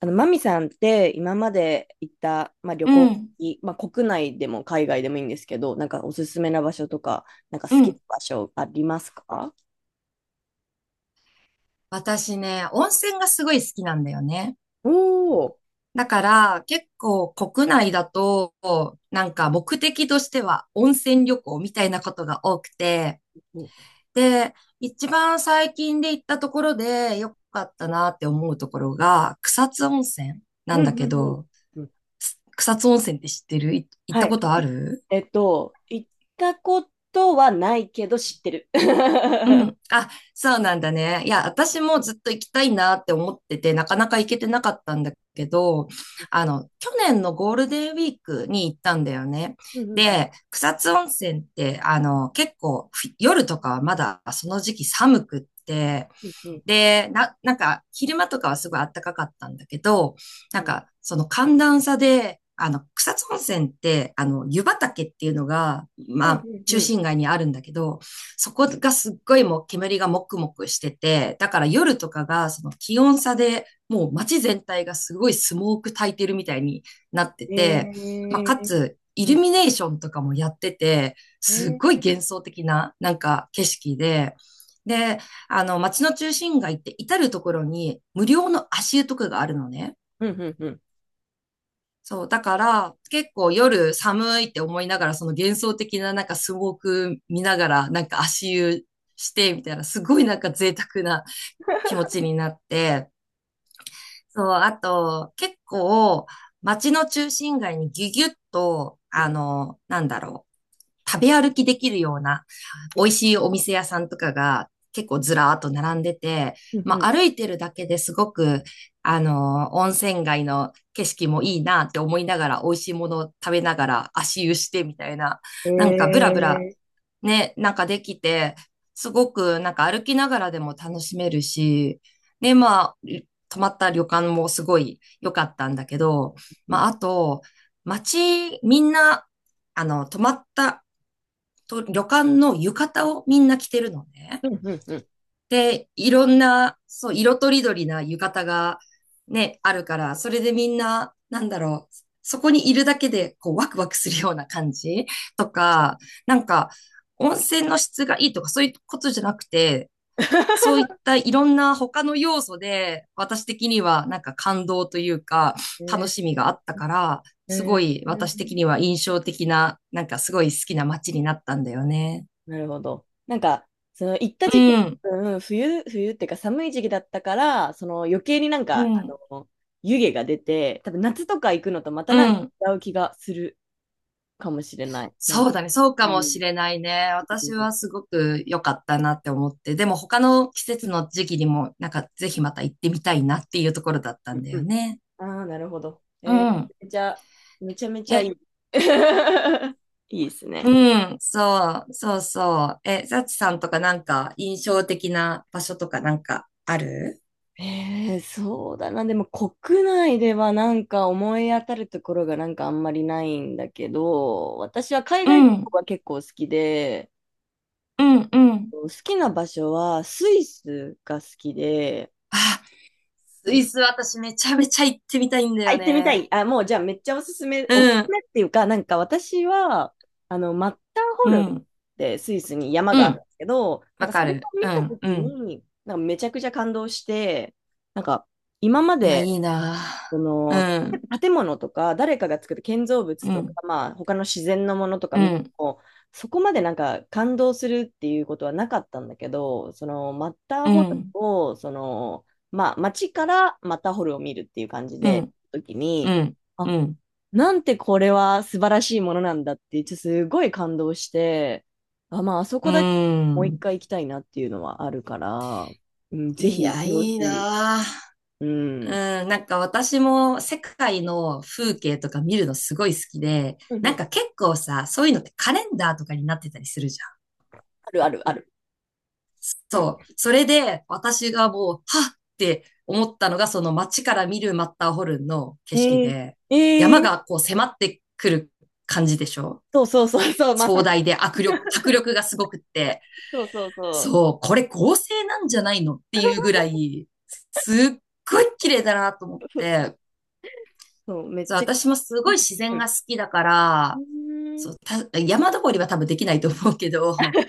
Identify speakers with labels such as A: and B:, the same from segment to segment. A: マミさんって今まで行った、まあ、旅
B: う
A: 行
B: ん、
A: 先、まあ、国内でも海外でもいいんですけど、なんかおすすめな場所とか、なんか好
B: う
A: きな
B: ん、
A: 場所ありますか？
B: 私ね、温泉がすごい好きなんだよね。
A: おおー。
B: だから、結構国内だと、なんか目的としては温泉旅行みたいなことが多くて、
A: うん
B: で、一番最近で行ったところで良かったなって思うところが、草津温泉なん
A: う
B: だ
A: ん
B: け
A: うん。
B: ど、
A: うん。
B: 草津温泉って知ってるい行っ
A: は
B: た
A: い。
B: ことある？
A: 行ったことはないけど知ってる。
B: う ん。あ、そうなんだね。いや、私もずっと行きたいなって思ってて、なかなか行けてなかったんだけど、去年のゴールデンウィークに行ったんだよね。
A: うんうん
B: で、草津温泉って、結構、ふ夜とかはまだその時期寒くって、
A: うんうん
B: で、なんか、昼間とかはすごい暖かかったんだけど、
A: う
B: なん
A: ん
B: か、その寒暖差で、草津温泉って、湯畑っていうのが、
A: う
B: ま
A: ん
B: あ、
A: うんう
B: 中
A: ん。
B: 心街にあるんだけど、そこがすっごいもう煙がもくもくしてて、だから夜とかがその気温差でもう街全体がすごいスモーク焚いてるみたいになって
A: え
B: て、まあ、か
A: ー。
B: つイ
A: う
B: ル
A: ん。
B: ミネーションとかもやってて、
A: え
B: すっごい
A: ー。
B: 幻想的ななんか景色で、で、街の中心街って至るところに無料の足湯とかがあるのね。
A: うんうんうん
B: そう、だから結構夜寒いって思いながら、その幻想的ななんかスモーク見ながら、なんか足湯してみたいな、すごいなんか贅沢な気持ちになって、そう、あと結構街の中心街にギュギュッと、
A: うん
B: なんだろう。食べ歩きできるような美味しいお店屋さんとかが結構ずらーっと並んでて、
A: うん
B: ま
A: うん。
B: あ歩いてるだけですごく、温泉街の景色もいいなって思いながら、美味しいものを食べながら足湯してみたいな、
A: え
B: なんかブラブラ
A: ー。
B: ね、なんかできて、すごくなんか歩きながらでも楽しめるし、ね、まあ、泊まった旅館もすごい良かったんだけど、
A: う
B: まあ
A: ん
B: あと、街、みんな、泊まったと旅館の浴衣をみんな着てるのね。
A: うんうんうん。
B: で、いろんな、そう、色とりどりな浴衣がね、あるから、それでみんな、なんだろう、そこにいるだけで、こう、ワクワクするような感じとか、なんか、温泉の質がいいとか、そういうことじゃなくて、そ ういったいろんな他の要素で、私的にはなんか感動というか、楽
A: え
B: しみがあったから、すご
A: え
B: い
A: ー、
B: 私的には印象的な、なんかすごい好きな街になったんだよね。
A: なるほど。なんか、その行った
B: う
A: 時期は
B: ん、
A: 多分冬、冬っていうか寒い時期だったから、その余計になん
B: う
A: か、
B: ん、
A: の、湯気が出て、多分夏とか行くのとまた
B: う
A: なんか
B: ん。
A: 違う気がするかもしれない。なん
B: そ
A: か、
B: うだね。そうか
A: う
B: もし
A: ん。
B: れないね。
A: う
B: 私
A: ん。
B: はすごく良かったなって思って。でも他の季
A: う
B: 節
A: ん
B: の時期にも、なんかぜひまた行ってみたいなっていうところだった
A: う
B: ん
A: ん
B: だ
A: う
B: よ
A: ん。
B: ね。
A: ああ、なるほど。
B: うん。
A: めちゃめちゃ、めちゃめちゃいい。
B: え、
A: いいです
B: う
A: ね。
B: ん。そう、そうそう。え、サチさんとかなんか印象的な場所とかなんかある？
A: ええ、そうだな。でも国内ではなんか思い当たるところがなんかあんまりないんだけど、私は海
B: う
A: 外旅行
B: ん、
A: が結構好きで、
B: うん、うん。
A: 好きな場所はスイスが好きで、
B: あ、ス
A: う
B: イ
A: ん、
B: ス私めちゃめちゃ行ってみたいんだ
A: あ、
B: よ
A: 行ってみた
B: ね。
A: い。あ、もうじゃあめっちゃおすすめ、
B: う
A: おすす
B: ん、
A: めっていうか、なんか私は、マッターホ
B: う
A: ルンっ
B: ん、
A: てスイスに山
B: う
A: があるんで
B: ん。
A: すけど、なん
B: わ
A: か
B: か
A: それを
B: る。う
A: 見たと
B: ん、う
A: き
B: ん。
A: に、なんかめちゃくちゃ感動して、なんか今ま
B: いや、い
A: で、
B: いな
A: そ
B: ぁ。
A: の
B: うん、
A: 建物とか誰かが作る建造物
B: う
A: とか、
B: ん、
A: まあ、他の自然のものとか
B: う
A: 見て
B: ん、
A: もそこまでなんか感動するっていうことはなかったんだけど、そのマッター
B: う
A: ホルン
B: ん、
A: をその、まあ、街からマッターホルンを見るっていう感じ
B: う
A: で
B: ん、
A: 時
B: う
A: に、
B: ん、
A: あ、
B: うん、
A: なんてこれは素晴らしいものなんだってちょっとすごい感動して、あ、まあ、あそ
B: う
A: こだけもう一
B: ん。
A: 回行きたいなっていうのはあるから、うん、ぜ
B: い
A: ひ行っ
B: や、い
A: てほし
B: い
A: い。
B: なぁ。
A: うん、うん
B: うん、なんか私も世界の風景とか見るのすごい好きで、
A: う
B: なん
A: ん、
B: か結構さ、そういうのってカレンダーとかになってたりするじゃん。
A: あるあるある。うん。
B: そう。それで私がもう、はっって思ったのが、その街から見るマッターホルンの景色
A: え
B: で、
A: え、
B: 山
A: え
B: が
A: え、
B: こう迫ってくる感じでしょ？
A: そうそうそうそう、まさ
B: 壮
A: し
B: 大で迫力がすごくって、
A: そうそうそう。
B: そう、これ合成なんじゃないのっていうぐ らい、すっごい綺麗だなと思っ
A: そう、
B: て、
A: そうめっ
B: そう、
A: ちゃ、
B: 私もすごい自
A: う
B: 然
A: ん。
B: が好きだか
A: う
B: ら、
A: ーん、
B: そう、山登りは多分できないと思うけど、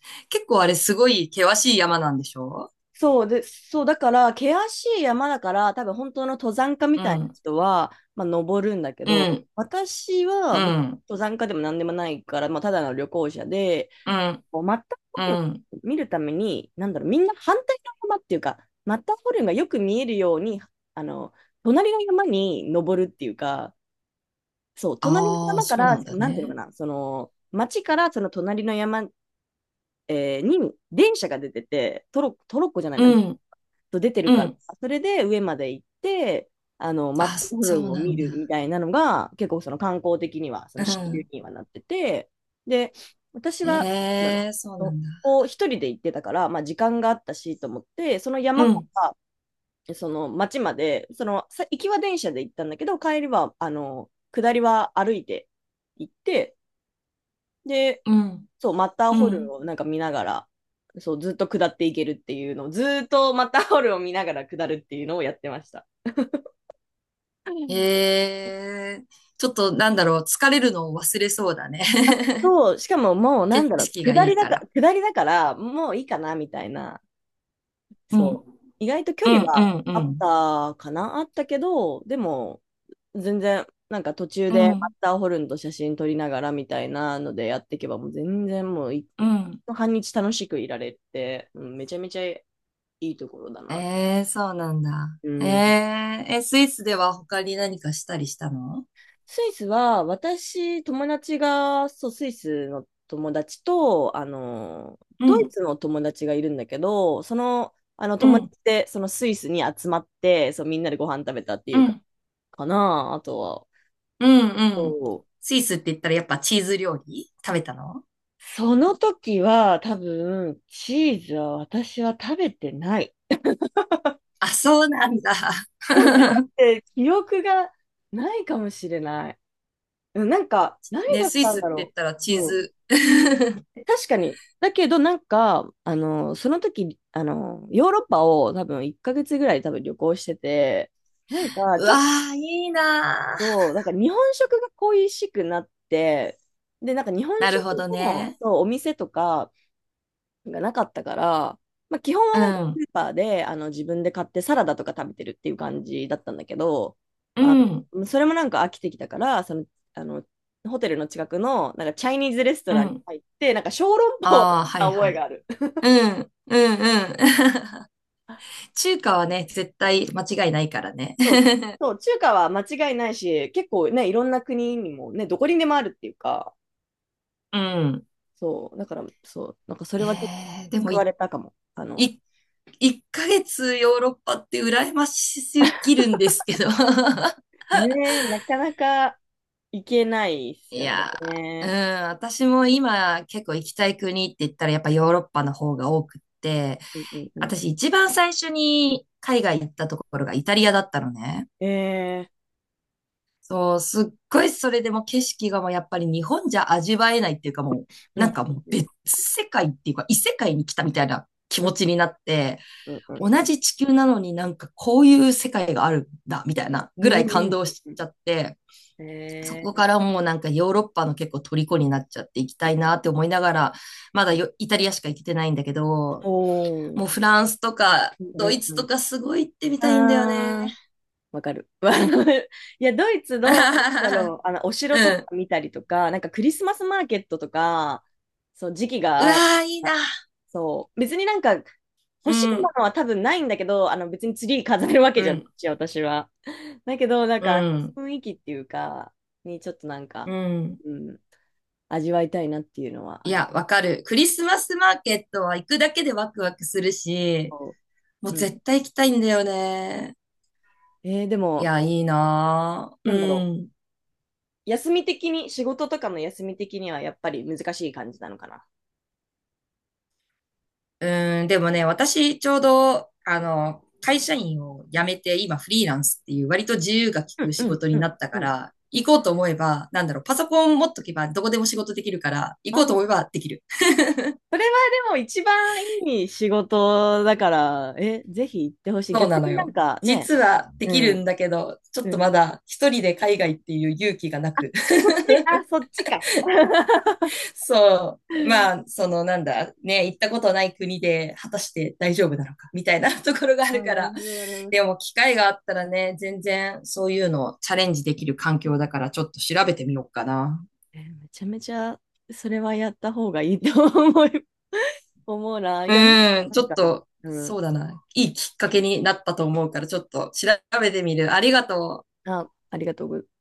B: 結構あれすごい険しい山なんでしょ？
A: そうで、そう、だから、険しい山だから、多分本当の登山家み
B: う
A: たいな
B: ん、
A: 人は、まあ、登るんだけ
B: う
A: ど、
B: ん、
A: 私
B: う
A: は登
B: ん、
A: 山家でも何でもないから、まあ、ただの旅行者で、
B: うん、
A: こうマッターホ
B: う
A: ルンを
B: ん。
A: 見るために、なんだろう、みんな反対の山っていうか、マッターホルンがよく見えるように、あの、隣の山に登るっていうか、そう、隣の
B: ああ、
A: 山か
B: そう
A: ら、
B: なん
A: しか
B: だ
A: もなんていうの
B: ね。
A: かな、その、町からその隣の山、に電車が出てて、トロッコ、トロッコじゃない
B: う
A: な、
B: ん、
A: と出てる
B: う
A: から、
B: ん。
A: それで上まで行って、マッタ
B: あ、
A: ーホル
B: そ
A: ン
B: う
A: を
B: な
A: 見
B: ん
A: るみ
B: だ。
A: たいなのが、結構その観光的には、そ
B: う
A: の支流
B: ん。
A: にはなってて、で、私は、なんだろ
B: ええ、そうな
A: う、
B: んだ。
A: こう一人で行ってたから、まあ時間があったしと思って、その
B: う
A: 山か
B: ん、
A: らその町まで、その行きは電車で行ったんだけど、帰りは、下りは歩いて行って、で、
B: うん、
A: そう、マッター
B: う
A: ホルン
B: ん。
A: をなんか見ながら、そう、ずっと下っていけるっていうのを、ずーっとマッターホルンを見ながら下るっていうのをやってました。
B: ええちょっとなんだろう、疲れるのを忘れそうだね。
A: そう、しかももうなん
B: 景
A: だろう、
B: 色がいいから。
A: 下りだから、もういいかなみたいな。
B: うん、
A: そう。意外と距
B: う
A: 離
B: ん、う
A: は
B: ん、う
A: あっ
B: ん、
A: たかなあったけど、でも、全然、なんか途中
B: う
A: でマッ
B: ん、
A: ターホルンと写真撮りながらみたいなのでやっていけば、もう全然もうい、
B: うん。
A: 半日楽しくいられて、うん、めちゃめちゃいいところだな。
B: ええそうなんだ。
A: う
B: え
A: ん。
B: ええ、スイスでは他に何かしたりしたの？
A: スイスは、私、友達が、そう、スイスの友達と、
B: う
A: ドイ
B: ん、
A: ツの友達がいるんだけど、その、あの
B: う
A: 友
B: ん、
A: 達で、そのスイスに集まって、そう、みんなでご飯食べたってい
B: う
A: う
B: ん。
A: かな、あとは。
B: う
A: そ
B: んうん。
A: う。
B: スイスって言ったらやっぱチーズ料理食べたの？
A: その時は多分チーズは私は食べてない。
B: あ、そうなんだ。
A: そう、食 べて記憶がないかもしれない。うん、なんか、何
B: ね、
A: 食
B: ス
A: べ
B: イ
A: たん
B: スっ
A: だ
B: て言っ
A: ろ
B: たらチ
A: う。
B: ー
A: うん。
B: ズ。
A: 確かに。だけどなんか、その時、ヨーロッパを多分1ヶ月ぐらい多分旅行してて、なんか
B: う
A: ちょ
B: わ
A: っ
B: ー、いいなー。
A: と、なんか日本食が恋しくなって、で、なんか日本
B: なる
A: 食
B: ほど
A: の
B: ね。
A: そうお店とか、がなかったから、まあ、基本は
B: う
A: なんかス
B: ん
A: ーパーで自分で買ってサラダとか食べてるっていう感じだったんだけど、
B: う
A: あ
B: ん、
A: それもなんか飽きてきたから、あの、ホテルの近くのなんかチャイニーズレスト
B: う
A: ランに
B: ん。
A: 入って、なんか小籠包を食べ
B: ああ、は
A: た
B: い
A: 覚
B: は
A: え
B: い。
A: がある。
B: うん、うん、うん。中華はね、絶対間違いないからね。
A: そう、そう中華は間違いないし、結構ね、いろんな国にもね、どこにでもあるっていうか、
B: うん。
A: そう、だから、そう、なんかそれはちょっと
B: えー、でも
A: 救わ
B: い、
A: れたかも。
B: い、1ヶ月ヨーロッパって羨ましすぎるんですけど。
A: ねえ、なかなか行けないです
B: い
A: よ
B: やー、
A: ね。
B: うん、私も今結構行きたい国って言ったらやっぱヨーロッパの方が多くって、
A: うんうんうん。
B: 私一番最初に海外行ったところがイタリアだったのね。
A: ええ。
B: そう、すっごいそれでも景色がもうやっぱり日本じゃ味わえないっていうかもう、
A: う
B: なん
A: ん、
B: かもう
A: うん、
B: 別世界っていうか異世界に来たみたいな気
A: う
B: 持
A: ん、
B: ちになって、
A: うん、
B: 同
A: う
B: じ地球なのになんかこういう世界があるんだみたいな
A: ん、
B: ぐら
A: う
B: い感
A: ん、
B: 動しちゃって、
A: うん。
B: そこか
A: え
B: ら
A: え。
B: もうなんかヨーロッパの結構虜になっちゃって行きたいなって思いながら、まだよイタリアしか行けてないんだけど、
A: お
B: もうフ
A: ー、
B: ランスとか
A: うん、う
B: ドイ
A: ん
B: ツと
A: う
B: かすごい行ってみ
A: ん、
B: たいんだよね。
A: ああ、わかる。いや、ドイツの、なんだろ う、お
B: う
A: 城と
B: ん。
A: か見たりとか、なんかクリスマスマーケットとか、そう、時期
B: う
A: が
B: わ
A: 合え
B: ー、いい
A: ば、
B: な。
A: そう、別になんか、欲しい
B: う
A: も
B: ん。
A: のは多分ないんだけど、別にツリー飾るわけ
B: う
A: じゃない
B: ん、
A: し、私は。だけど、なん
B: う
A: か、
B: ん、
A: 雰囲気っていうか、にちょっとなん
B: う
A: か、
B: ん。
A: うん、味わいたいなっていうのは
B: い
A: あ
B: や、
A: る。
B: わかる。クリスマスマーケットは行くだけでワクワクするし、もう
A: うん。
B: 絶対行きたいんだよね。
A: で
B: い
A: も、
B: や、いいなぁ。
A: なんだ
B: う
A: ろ
B: ん。
A: う。休み的に、仕事とかの休み的にはやっぱり難しい感じなのかな。
B: うん、でもね、私、ちょうど、会社員を辞めて、今フリーランスっていう、割と自由が利
A: う
B: く
A: んう
B: 仕
A: ん
B: 事
A: う
B: にな
A: ん
B: った
A: う
B: か
A: ん。
B: ら、行こうと思えば、なんだろう、パソコン持っとけばどこでも仕事できるから、行こう
A: あ
B: と思え
A: ー、
B: ばできる。
A: それはでも一番いい仕事だから、ぜひ行ってほしい。
B: そう
A: 逆
B: なの
A: になん
B: よ。
A: かね、
B: 実はで
A: う
B: きる
A: ん
B: んだけど、ちょっ
A: う
B: とま
A: ん、
B: だ一人で海外っていう勇気がな
A: あ、
B: く。
A: そっち、あ、そっちか。
B: そう。まあ、そのなんだ、ね、行ったことない国で果たして大丈夫なのか、みたいな ところがあ
A: あ、
B: るか
A: なる
B: ら。
A: ほど、なる ほど。
B: でも、機会があったらね、全然そういうのをチャレンジできる環境だから、ちょっと調べてみようかな。
A: めちゃめちゃ、それはやった方がいいと思う 思うな。いや、なん
B: うん、ちょっ
A: か、
B: と、
A: う
B: そ
A: ん。
B: うだな。いいきっかけになったと思うから、ちょっと調べてみる。ありがとう。
A: あ、ありがとうございます。